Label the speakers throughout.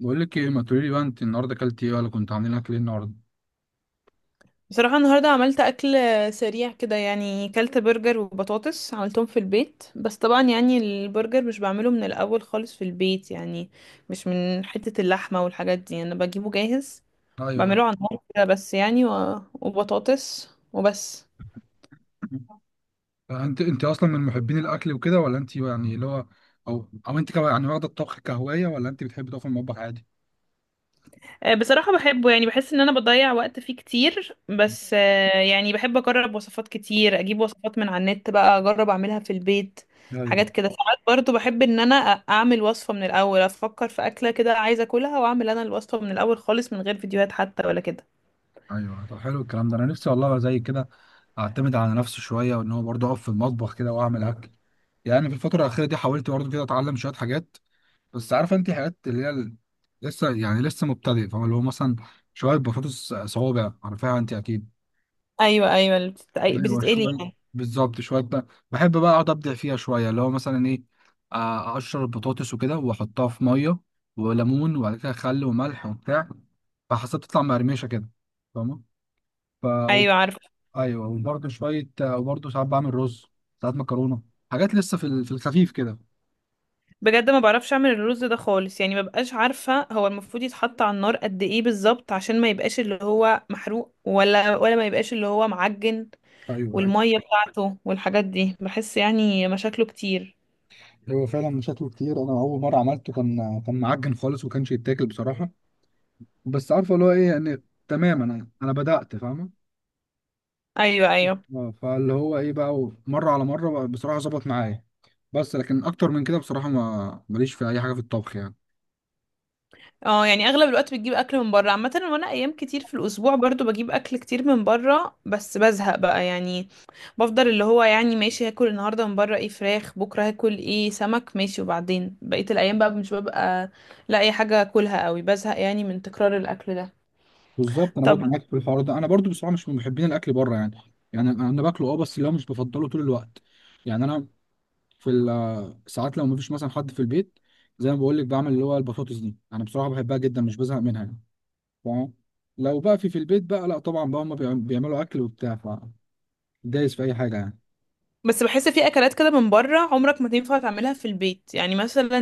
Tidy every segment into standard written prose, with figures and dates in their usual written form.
Speaker 1: بقول لك ايه؟ ما تقولي لي بقى، انت النهارده اكلتي ايه، ولا كنت عاملين اكل ايه النهارده؟
Speaker 2: بصراحة النهاردة عملت أكل سريع كده يعني كلت برجر وبطاطس عملتهم في البيت. بس طبعا يعني البرجر مش بعمله من الأول خالص في البيت يعني، مش من حتة اللحمة والحاجات دي، أنا بجيبه جاهز
Speaker 1: ايوه.
Speaker 2: بعمله على النار كده بس يعني و... وبطاطس وبس.
Speaker 1: انت اصلا من محبين الاكل وكده، ولا انت يعني اللي هو او او انت واخده الطبخ كهوايه، ولا انت بتحبي تقفي المطبخ عادي؟
Speaker 2: بصراحة بحبه يعني بحس ان انا بضيع وقت فيه كتير. بس يعني بحب اجرب وصفات كتير، اجيب وصفات من على النت بقى اجرب اعملها في البيت.
Speaker 1: ايوه
Speaker 2: حاجات كده ساعات برضو بحب ان انا اعمل وصفة من الاول، افكر في اكلة كده عايزة اكلها واعمل انا الوصفة من الاول خالص من غير فيديوهات حتى ولا كده.
Speaker 1: ايوه. طب حلو الكلام ده، انا نفسي والله أبقى زي كده، اعتمد على نفسي شويه، وان هو برضه اقف في المطبخ كده واعمل اكل. يعني في الفتره الاخيره دي حاولت برضه كده اتعلم شويه حاجات، بس عارفه انت حاجات لسه، يعني لسه مبتدئ، فاهم؟ اللي هو مثلا شويه بطاطس صوابع، عارفاها انت اكيد.
Speaker 2: ايوه ايوه، اللي
Speaker 1: ايوه
Speaker 2: بتتقلي
Speaker 1: شويه،
Speaker 2: يعني.
Speaker 1: بالظبط. شويه بقى بحب بقى اقعد ابدع فيها شويه، اللي هو مثلا ايه، اقشر البطاطس وكده، واحطها في ميه وليمون، وبعد كده خل وملح وبتاع، فحسب تطلع مقرمشه كده، فاهمه؟ ف و-
Speaker 2: ايوه، عارفة.
Speaker 1: ايوه. وبرده شويه، وبرده ساعات بعمل رز، ساعات مكرونه، حاجات لسه في الخفيف كده.
Speaker 2: بجد ما بعرفش اعمل الرز ده خالص يعني، مبقاش عارفة هو المفروض يتحط على النار قد ايه بالظبط، عشان ما يبقاش اللي هو محروق ولا ما يبقاش اللي هو معجن،
Speaker 1: ايوه ايوه.
Speaker 2: والمية بتاعته والحاجات دي، بحس يعني مشاكله كتير.
Speaker 1: هو فعلا شكله كتير، انا اول مره عملته كان معجن خالص، وكانش يتاكل بصراحه. بس عارفه اللي هو ايه، يعني تمام، انا بدات فاهمه.
Speaker 2: ايوه ايوه.
Speaker 1: اه فاللي هو ايه بقى، مره على مره بقى بصراحه ظبط معايا. بس لكن اكتر من كده بصراحه ما ماليش في اي حاجه في الطبخ يعني.
Speaker 2: اه يعني اغلب الوقت بتجيب اكل من بره عامه، وانا ايام كتير في الاسبوع برضو بجيب اكل كتير من بره بس بزهق بقى يعني. بفضل اللي هو يعني ماشي، هاكل النهارده من بره ايه، فراخ، بكره هاكل ايه، سمك، ماشي، وبعدين بقيه الايام بقى مش ببقى لاقي حاجه اكلها قوي، بزهق يعني من تكرار الاكل ده.
Speaker 1: بالظبط، انا
Speaker 2: طب
Speaker 1: برضو معاك في الحوار ده، انا برضو بصراحه مش من محبين الاكل بره يعني. يعني انا، باكله اه، بس اللي هو مش بفضله طول الوقت. يعني انا ساعات لو مفيش مثلا حد في البيت، زي ما بقول لك بعمل اللي هو البطاطس دي، انا بصراحه بحبها جدا مش بزهق منها يعني، فاهم؟ لو بقى في البيت بقى، لا طبعا بقى هم بيعملوا اكل وبتاع، فدايس في اي حاجه يعني.
Speaker 2: بس بحس في اكلات كده من بره عمرك ما تنفع تعملها في البيت، يعني مثلا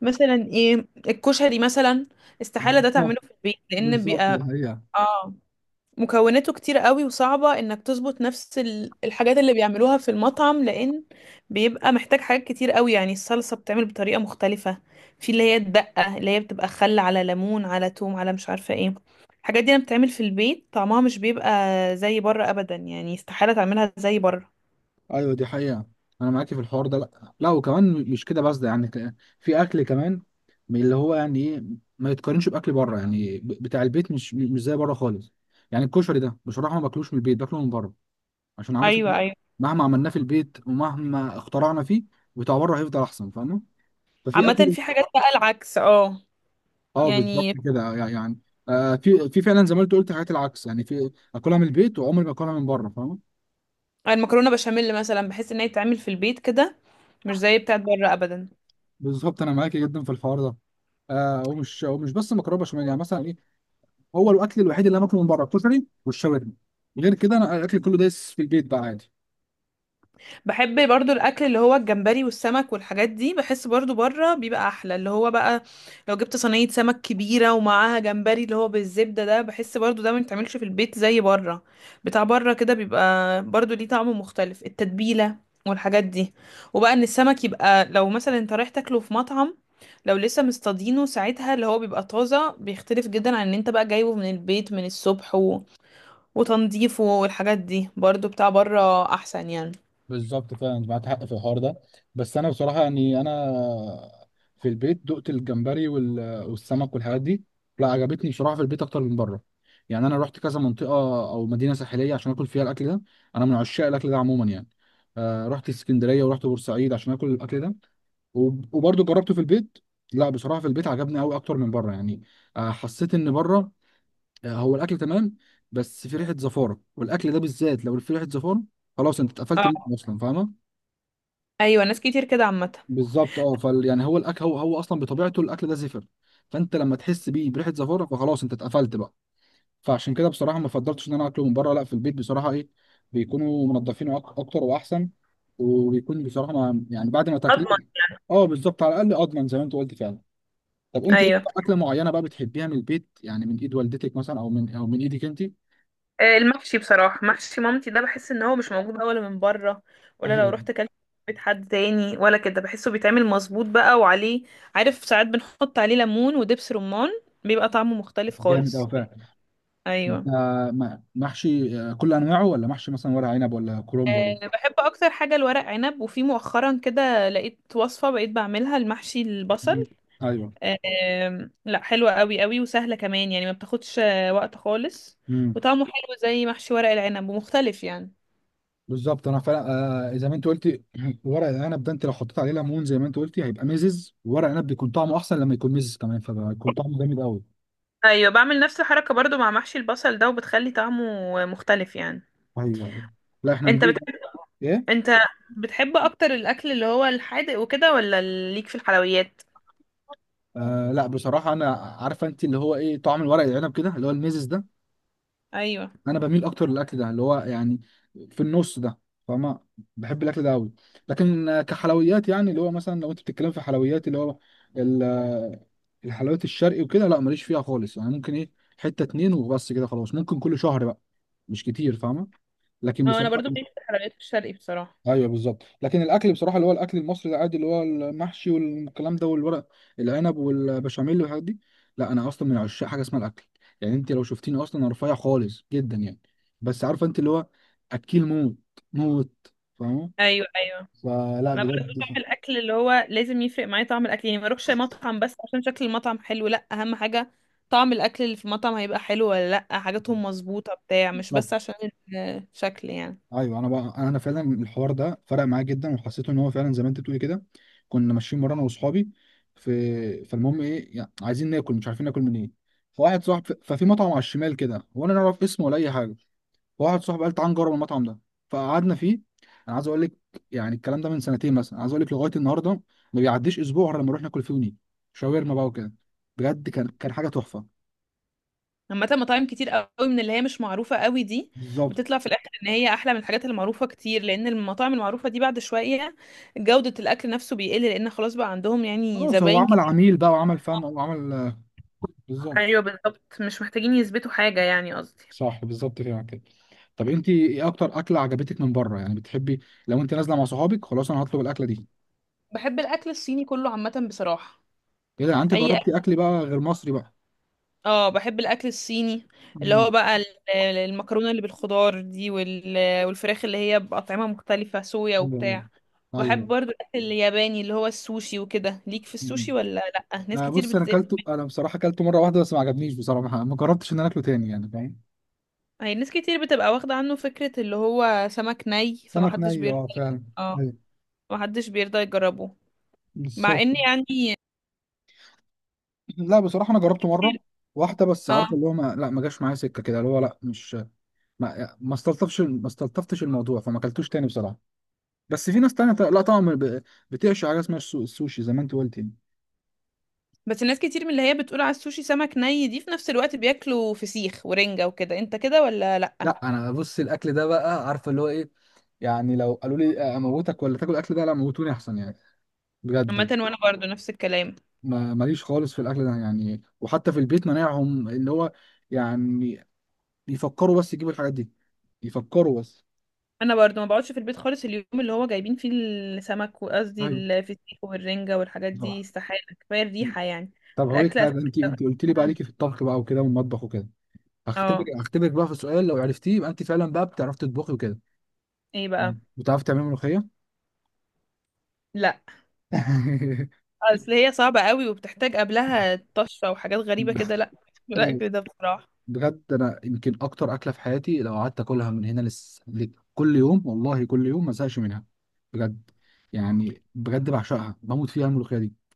Speaker 2: مثلا ايه، الكشري مثلا، استحالة ده تعمله
Speaker 1: بالظبط،
Speaker 2: في البيت لان
Speaker 1: بالظبط ده
Speaker 2: بيبقى،
Speaker 1: هي.
Speaker 2: اه، مكوناته كتير قوي، وصعبة انك تظبط نفس الحاجات اللي بيعملوها في المطعم، لان بيبقى محتاج حاجات كتير قوي، يعني الصلصة بتعمل بطريقة مختلفة، في اللي هي الدقة اللي هي بتبقى خل على ليمون على توم على مش عارفة ايه، الحاجات دي لما بتتعمل في البيت طعمها مش بيبقى زي بره ابدا يعني، استحالة تعملها زي بره.
Speaker 1: ايوه دي حقيقة، انا معاكي في الحوار ده. لا لا، وكمان مش كده بس ده يعني في اكل كمان من اللي هو يعني ايه، ما يتقارنش باكل بره يعني، بتاع البيت مش زي بره خالص. يعني الكشري ده بصراحة ما باكلوش من البيت، باكله من بره، عشان عارف إن
Speaker 2: ايوه ايوه،
Speaker 1: مهما عملناه في البيت، ومهما اخترعنا فيه، بتاع بره هيفضل احسن، فاهمة؟ ففي
Speaker 2: عامة
Speaker 1: اكل،
Speaker 2: في حاجات بقى العكس، اه
Speaker 1: اه بالظبط
Speaker 2: يعني
Speaker 1: كده يعني. آه في فعلا زي ما انت قلت حاجات العكس يعني، في اكلها من البيت وعمري ما اكلها من بره، فاهمة؟
Speaker 2: المكرونه بشاميل مثلا، بحس ان هي تتعمل في البيت كده مش زي بتاعت بره ابدا.
Speaker 1: بالظبط، انا معاكي جدا في الحوار ده. آه، ومش بس مكرونه بشاميل، يعني مثلا إيه، هو الاكل الوحيد اللي انا باكله من بره الكشري والشاورما، غير كده انا الاكل كله دايس في البيت بقى عادي.
Speaker 2: بحب برضو الاكل اللي هو الجمبري والسمك والحاجات دي، بحس برضو بره بيبقى احلى، اللي هو بقى لو جبت صينيه سمك كبيره ومعاها جمبري اللي هو بالزبده ده، بحس برضو ده ما يتعملش في البيت زي بره. بتاع بره كده بيبقى برضو ليه طعم مختلف، التتبيله والحاجات دي. وبقى ان السمك يبقى لو مثلا انت رايح تاكله في مطعم، لو لسه مصطادينه ساعتها اللي هو بيبقى طازه، بيختلف جدا عن ان انت بقى جايبه من البيت من الصبح وتنظيفه، والحاجات دي برضو بتاع بره احسن يعني.
Speaker 1: بالظبط فعلا، انت معاك حق في الحوار ده. بس انا بصراحه يعني انا في البيت دقت الجمبري والسمك والحاجات دي، لا عجبتني بصراحه في البيت اكتر من بره. يعني انا رحت كذا منطقه او مدينه ساحليه عشان اكل فيها الاكل ده، انا من عشاق الاكل ده عموما يعني. آه رحت اسكندريه ورحت بورسعيد عشان اكل الاكل ده، وبرضه جربته في البيت، لا بصراحه في البيت عجبني قوي اكتر من بره يعني. آه حسيت ان بره، هو الاكل تمام، بس في ريحه زفاره، والاكل ده بالذات لو في ريحه زفاره خلاص انت اتقفلت منه
Speaker 2: اه،
Speaker 1: اصلا، فاهمه؟
Speaker 2: ايوه، ناس كتير كده عامه.
Speaker 1: بالظبط. اه فال يعني هو الاكل، هو اصلا بطبيعته الاكل ده زفر، فانت لما تحس بيه بريحه زفاره فخلاص انت اتقفلت بقى. فعشان كده بصراحه ما فضلتش ان انا اكله من بره، لا في البيت بصراحه ايه بيكونوا منضفينه اكتر واحسن، وبيكون بصراحه ما يعني بعد ما
Speaker 2: اضمن.
Speaker 1: تاكليه. اه بالظبط، على الاقل اضمن زي ما انت قلت فعلا. طب انت ليك
Speaker 2: ايوه.
Speaker 1: بقى اكله معينه بقى بتحبيها من البيت يعني، من ايد والدتك مثلا، او من ايدك انت؟
Speaker 2: المحشي بصراحه، محشي مامتي ده بحس ان هو مش موجود بقى، ولا من بره، ولا لو
Speaker 1: أيوة.
Speaker 2: رحت كلت في بيت حد تاني ولا كده، بحسه بيتعمل مظبوط بقى وعليه. عارف ساعات بنحط عليه ليمون ودبس رمان، بيبقى طعمه مختلف
Speaker 1: جامد
Speaker 2: خالص.
Speaker 1: أوي فعلا. انت
Speaker 2: ايوه.
Speaker 1: محشي كل انواعه، ولا محشي مثلا ورق عنب، ولا كرنب ولا؟
Speaker 2: أه، بحب اكتر حاجه الورق عنب، وفي مؤخرا كده لقيت وصفه بقيت بعملها، المحشي البصل.
Speaker 1: مم. ايوه.
Speaker 2: لا، حلوة قوي قوي، وسهلة كمان يعني ما بتاخدش وقت خالص،
Speaker 1: امم.
Speaker 2: وطعمه حلو زي محشي ورق العنب ومختلف يعني.
Speaker 1: بالظبط انا فعلا، آه زي ما انت قلتي، ورق العنب ده، انت لو حطيت عليه ليمون زي ما انت قلتي هيبقى مزز، ورق العنب بيكون طعمه احسن لما يكون مزز كمان، فبيكون طعمه جامد قوي.
Speaker 2: ايوه، بعمل نفس الحركة برضو مع محشي البصل ده، وبتخلي طعمه مختلف يعني.
Speaker 1: ايوه. لا احنا
Speaker 2: انت
Speaker 1: ندوق.
Speaker 2: بتحب
Speaker 1: ايه؟
Speaker 2: انت بتحب اكتر الاكل اللي هو الحادق وكده، ولا ليك في الحلويات؟
Speaker 1: آه لا بصراحه انا عارفه انت اللي هو ايه، طعم الورق العنب كده اللي هو المزز ده،
Speaker 2: ايوه،
Speaker 1: انا بميل اكتر للاكل ده اللي هو يعني في النص ده، فاهمة؟ بحب الاكل ده قوي. لكن كحلويات، يعني اللي هو مثلا لو انت بتتكلم في حلويات، اللي هو ال- آه، الحلويات الشرقي وكده لا ماليش فيها خالص يعني، ممكن ايه، حتة اتنين وبس كده خلاص، ممكن كل شهر بقى، مش كتير، فاهمة؟ لكن
Speaker 2: اه، انا
Speaker 1: بصراحة،
Speaker 2: برضو ليك في الحلويات الشرقي بصراحة.
Speaker 1: ايوه بالظبط، لكن الاكل بصراحه اللي هو الاكل المصري العادي اللي هو المحشي والكلام ده، والورق العنب والبشاميل والحاجات دي، لا انا اصلا من عشاق حاجه اسمها الاكل. يعني انت لو شفتيني اصلا انا رفيع خالص جدا يعني، بس عارفه انت اللي هو اكيل موت موت، فاهمه؟
Speaker 2: ايوه ايوه،
Speaker 1: فلا
Speaker 2: انا برضه
Speaker 1: بجد.
Speaker 2: بعمل الاكل اللي هو لازم يفرق معايا طعم الاكل، يعني ما اروحش مطعم بس عشان شكل المطعم حلو، لا، اهم حاجه طعم الاكل اللي في المطعم هيبقى حلو ولا لا، حاجاتهم مظبوطه بتاع، مش
Speaker 1: بالظبط.
Speaker 2: بس عشان الشكل يعني.
Speaker 1: ايوه انا بقى انا فعلا الحوار ده فرق معايا جدا، وحسيت ان هو فعلا زي ما انت بتقولي كده. كنا ماشيين مره انا واصحابي في، فالمهم ايه، يعني عايزين ناكل مش عارفين ناكل منين، فواحد صاحب ففي مطعم على الشمال كده، وانا لا اعرف اسمه ولا اي حاجه، فواحد صاحبي قال تعال نجرب المطعم ده، فقعدنا فيه. انا عايز اقول لك، يعني الكلام ده من سنتين مثلا، عايز اقول لك لغايه النهارده ما بيعديش اسبوع غير لما نروح ناكل فيه ونيجي، شاورما بقى وكده، بجد كان حاجه تحفه.
Speaker 2: عامه مطاعم كتير قوي من اللي هي مش معروفه قوي دي، بتطلع
Speaker 1: بالظبط.
Speaker 2: في الاخر ان هي احلى من الحاجات المعروفه كتير، لان المطاعم المعروفه دي بعد شويه جوده الاكل نفسه بيقل، لان خلاص بقى عندهم يعني
Speaker 1: خلاص، هو
Speaker 2: زباين
Speaker 1: عمل
Speaker 2: كتير.
Speaker 1: عميل بقى، وعمل فم، وعمل، بالظبط.
Speaker 2: ايوه بالظبط، مش محتاجين يثبتوا حاجه يعني قصدي.
Speaker 1: صح بالظبط فعلا كده. طب انت ايه اكتر اكله عجبتك من بره يعني، بتحبي لو انت نازله مع صحابك خلاص انا هطلب الاكله دي؟
Speaker 2: بحب الاكل الصيني كله عامه بصراحه.
Speaker 1: ايه ده، انت
Speaker 2: اي،
Speaker 1: جربتي اكل بقى غير مصري بقى؟
Speaker 2: اه، بحب الاكل الصيني، اللي
Speaker 1: مم.
Speaker 2: هو بقى المكرونه اللي بالخضار دي والفراخ اللي هي باطعمه مختلفه، صويا
Speaker 1: ايوه ايوه.
Speaker 2: وبتاع. وبحب
Speaker 1: ايوه.
Speaker 2: برضو الاكل الياباني اللي هو السوشي وكده، ليك في
Speaker 1: مم.
Speaker 2: السوشي ولا؟ لا،
Speaker 1: آه بص انا اكلته، انا بصراحه اكلته مره واحده بس ما عجبنيش بصراحه، ما جربتش ان انا اكله تاني يعني، فاهم؟
Speaker 2: هي ناس كتير بتبقى واخده عنه فكره اللي هو سمك ني،
Speaker 1: سمك
Speaker 2: فمحدش
Speaker 1: ني،
Speaker 2: بيرضى.
Speaker 1: اه فعلا.
Speaker 2: اه،
Speaker 1: ايوه.
Speaker 2: محدش بيرضى يجربه مع
Speaker 1: بالظبط.
Speaker 2: ان يعني.
Speaker 1: لا بصراحه انا جربته مره واحده بس، عارف
Speaker 2: اه،
Speaker 1: اللي هو ما جاش معايا سكه كده، اللي هو لا مش، ما استلطفتش الموضوع فما اكلتوش تاني بصراحه. بس في ناس تانية ط- لا طبعا ب- بتعشق حاجه اسمها السوشي زي ما انت قلت يعني.
Speaker 2: بس الناس كتير من اللي هي بتقول على السوشي سمك ني دي، في نفس الوقت بياكلوا فسيخ ورنجة وكده، انت كده ولا لا؟
Speaker 1: لا انا بص الاكل ده بقى، عارفه اللي هو ايه، يعني لو قالوا لي اموتك ولا تاكل الاكل ده، لا موتوني احسن يعني،
Speaker 2: عامه
Speaker 1: بجد.
Speaker 2: وانا برضو نفس الكلام.
Speaker 1: ما ماليش خالص في الاكل ده يعني، وحتى في البيت مناعهم اللي هو يعني يفكروا بس يجيبوا الحاجات دي، يفكروا بس.
Speaker 2: انا برضو ما بقعدش في البيت خالص اليوم اللي هو جايبين فيه السمك، وقصدي
Speaker 1: ايوه.
Speaker 2: الفسيخ والرنجة والحاجات دي،
Speaker 1: بالظبط.
Speaker 2: استحالة، كفاية
Speaker 1: مم.
Speaker 2: الريحة يعني.
Speaker 1: طب هقول لك
Speaker 2: الاكل
Speaker 1: حاجه، انت
Speaker 2: أساساً-
Speaker 1: انت قلت لي بقى ليكي في الطبخ بقى وكده والمطبخ وكده، هختبرك
Speaker 2: اه،
Speaker 1: هختبرك بقى في سؤال، لو عرفتيه يبقى انت فعلا بقى بتعرفي تطبخي وكده.
Speaker 2: ايه بقى؟
Speaker 1: تمام. بتعرفي تعملي ملوخيه؟
Speaker 2: لا. اصل هي صعبة قوي وبتحتاج قبلها طشة وحاجات غريبة كده، لا،
Speaker 1: أيوة.
Speaker 2: الاكل ده بصراحة.
Speaker 1: بجد انا يمكن اكتر اكله في حياتي، لو قعدت اكلها من هنا كل يوم والله، كل يوم ما ازهقش منها، بجد. يعني بجد بعشقها، بموت فيها الملوخيه دي.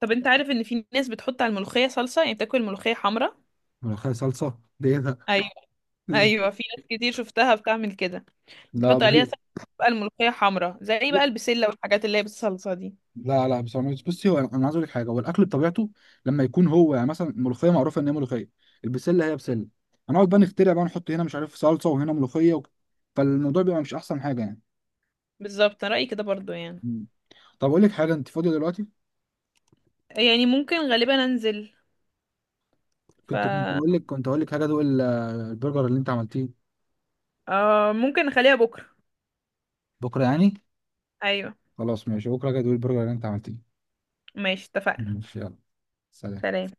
Speaker 2: طب انت عارف ان في ناس بتحط على الملوخية صلصة، يعني بتاكل الملوخية حمرا.
Speaker 1: ملوخيه صلصه دي إيه ده؟
Speaker 2: ايوه، ايوه في ناس كتير شفتها بتعمل كده،
Speaker 1: لا
Speaker 2: بتحط عليها
Speaker 1: هي،
Speaker 2: صلصة، بقى الملوخية حمرا زي بقى البسلة والحاجات اللي هي بالصلصة دي.
Speaker 1: لا لا بصراحه بصي، هو انا، عايز اقول لك حاجه، هو الاكل بطبيعته لما يكون هو، يعني مثلا الملوخيه معروفه ان هي ملوخيه، البسله هي بسله، هنقعد بقى نخترع بقى نحط هنا مش عارف صلصه وهنا ملوخيه و... فالموضوع بيبقى مش احسن حاجه يعني.
Speaker 2: بالظبط، أنا رأيي كده برضو يعني.
Speaker 1: مم. طب اقول لك حاجه، انت فاضيه دلوقتي؟
Speaker 2: يعني ممكن غالبا انزل، ف
Speaker 1: كنت اقول لك حاجه، ادوق البرجر اللي انت عملتيه.
Speaker 2: آه ممكن نخليها بكرة.
Speaker 1: بكره يعني؟
Speaker 2: ايوه،
Speaker 1: خلاص ماشي، بكره حاجه ادوق البرجر اللي انت عملتيه.
Speaker 2: ماشي اتفقنا،
Speaker 1: ماشي يلا. سلام.
Speaker 2: سلام.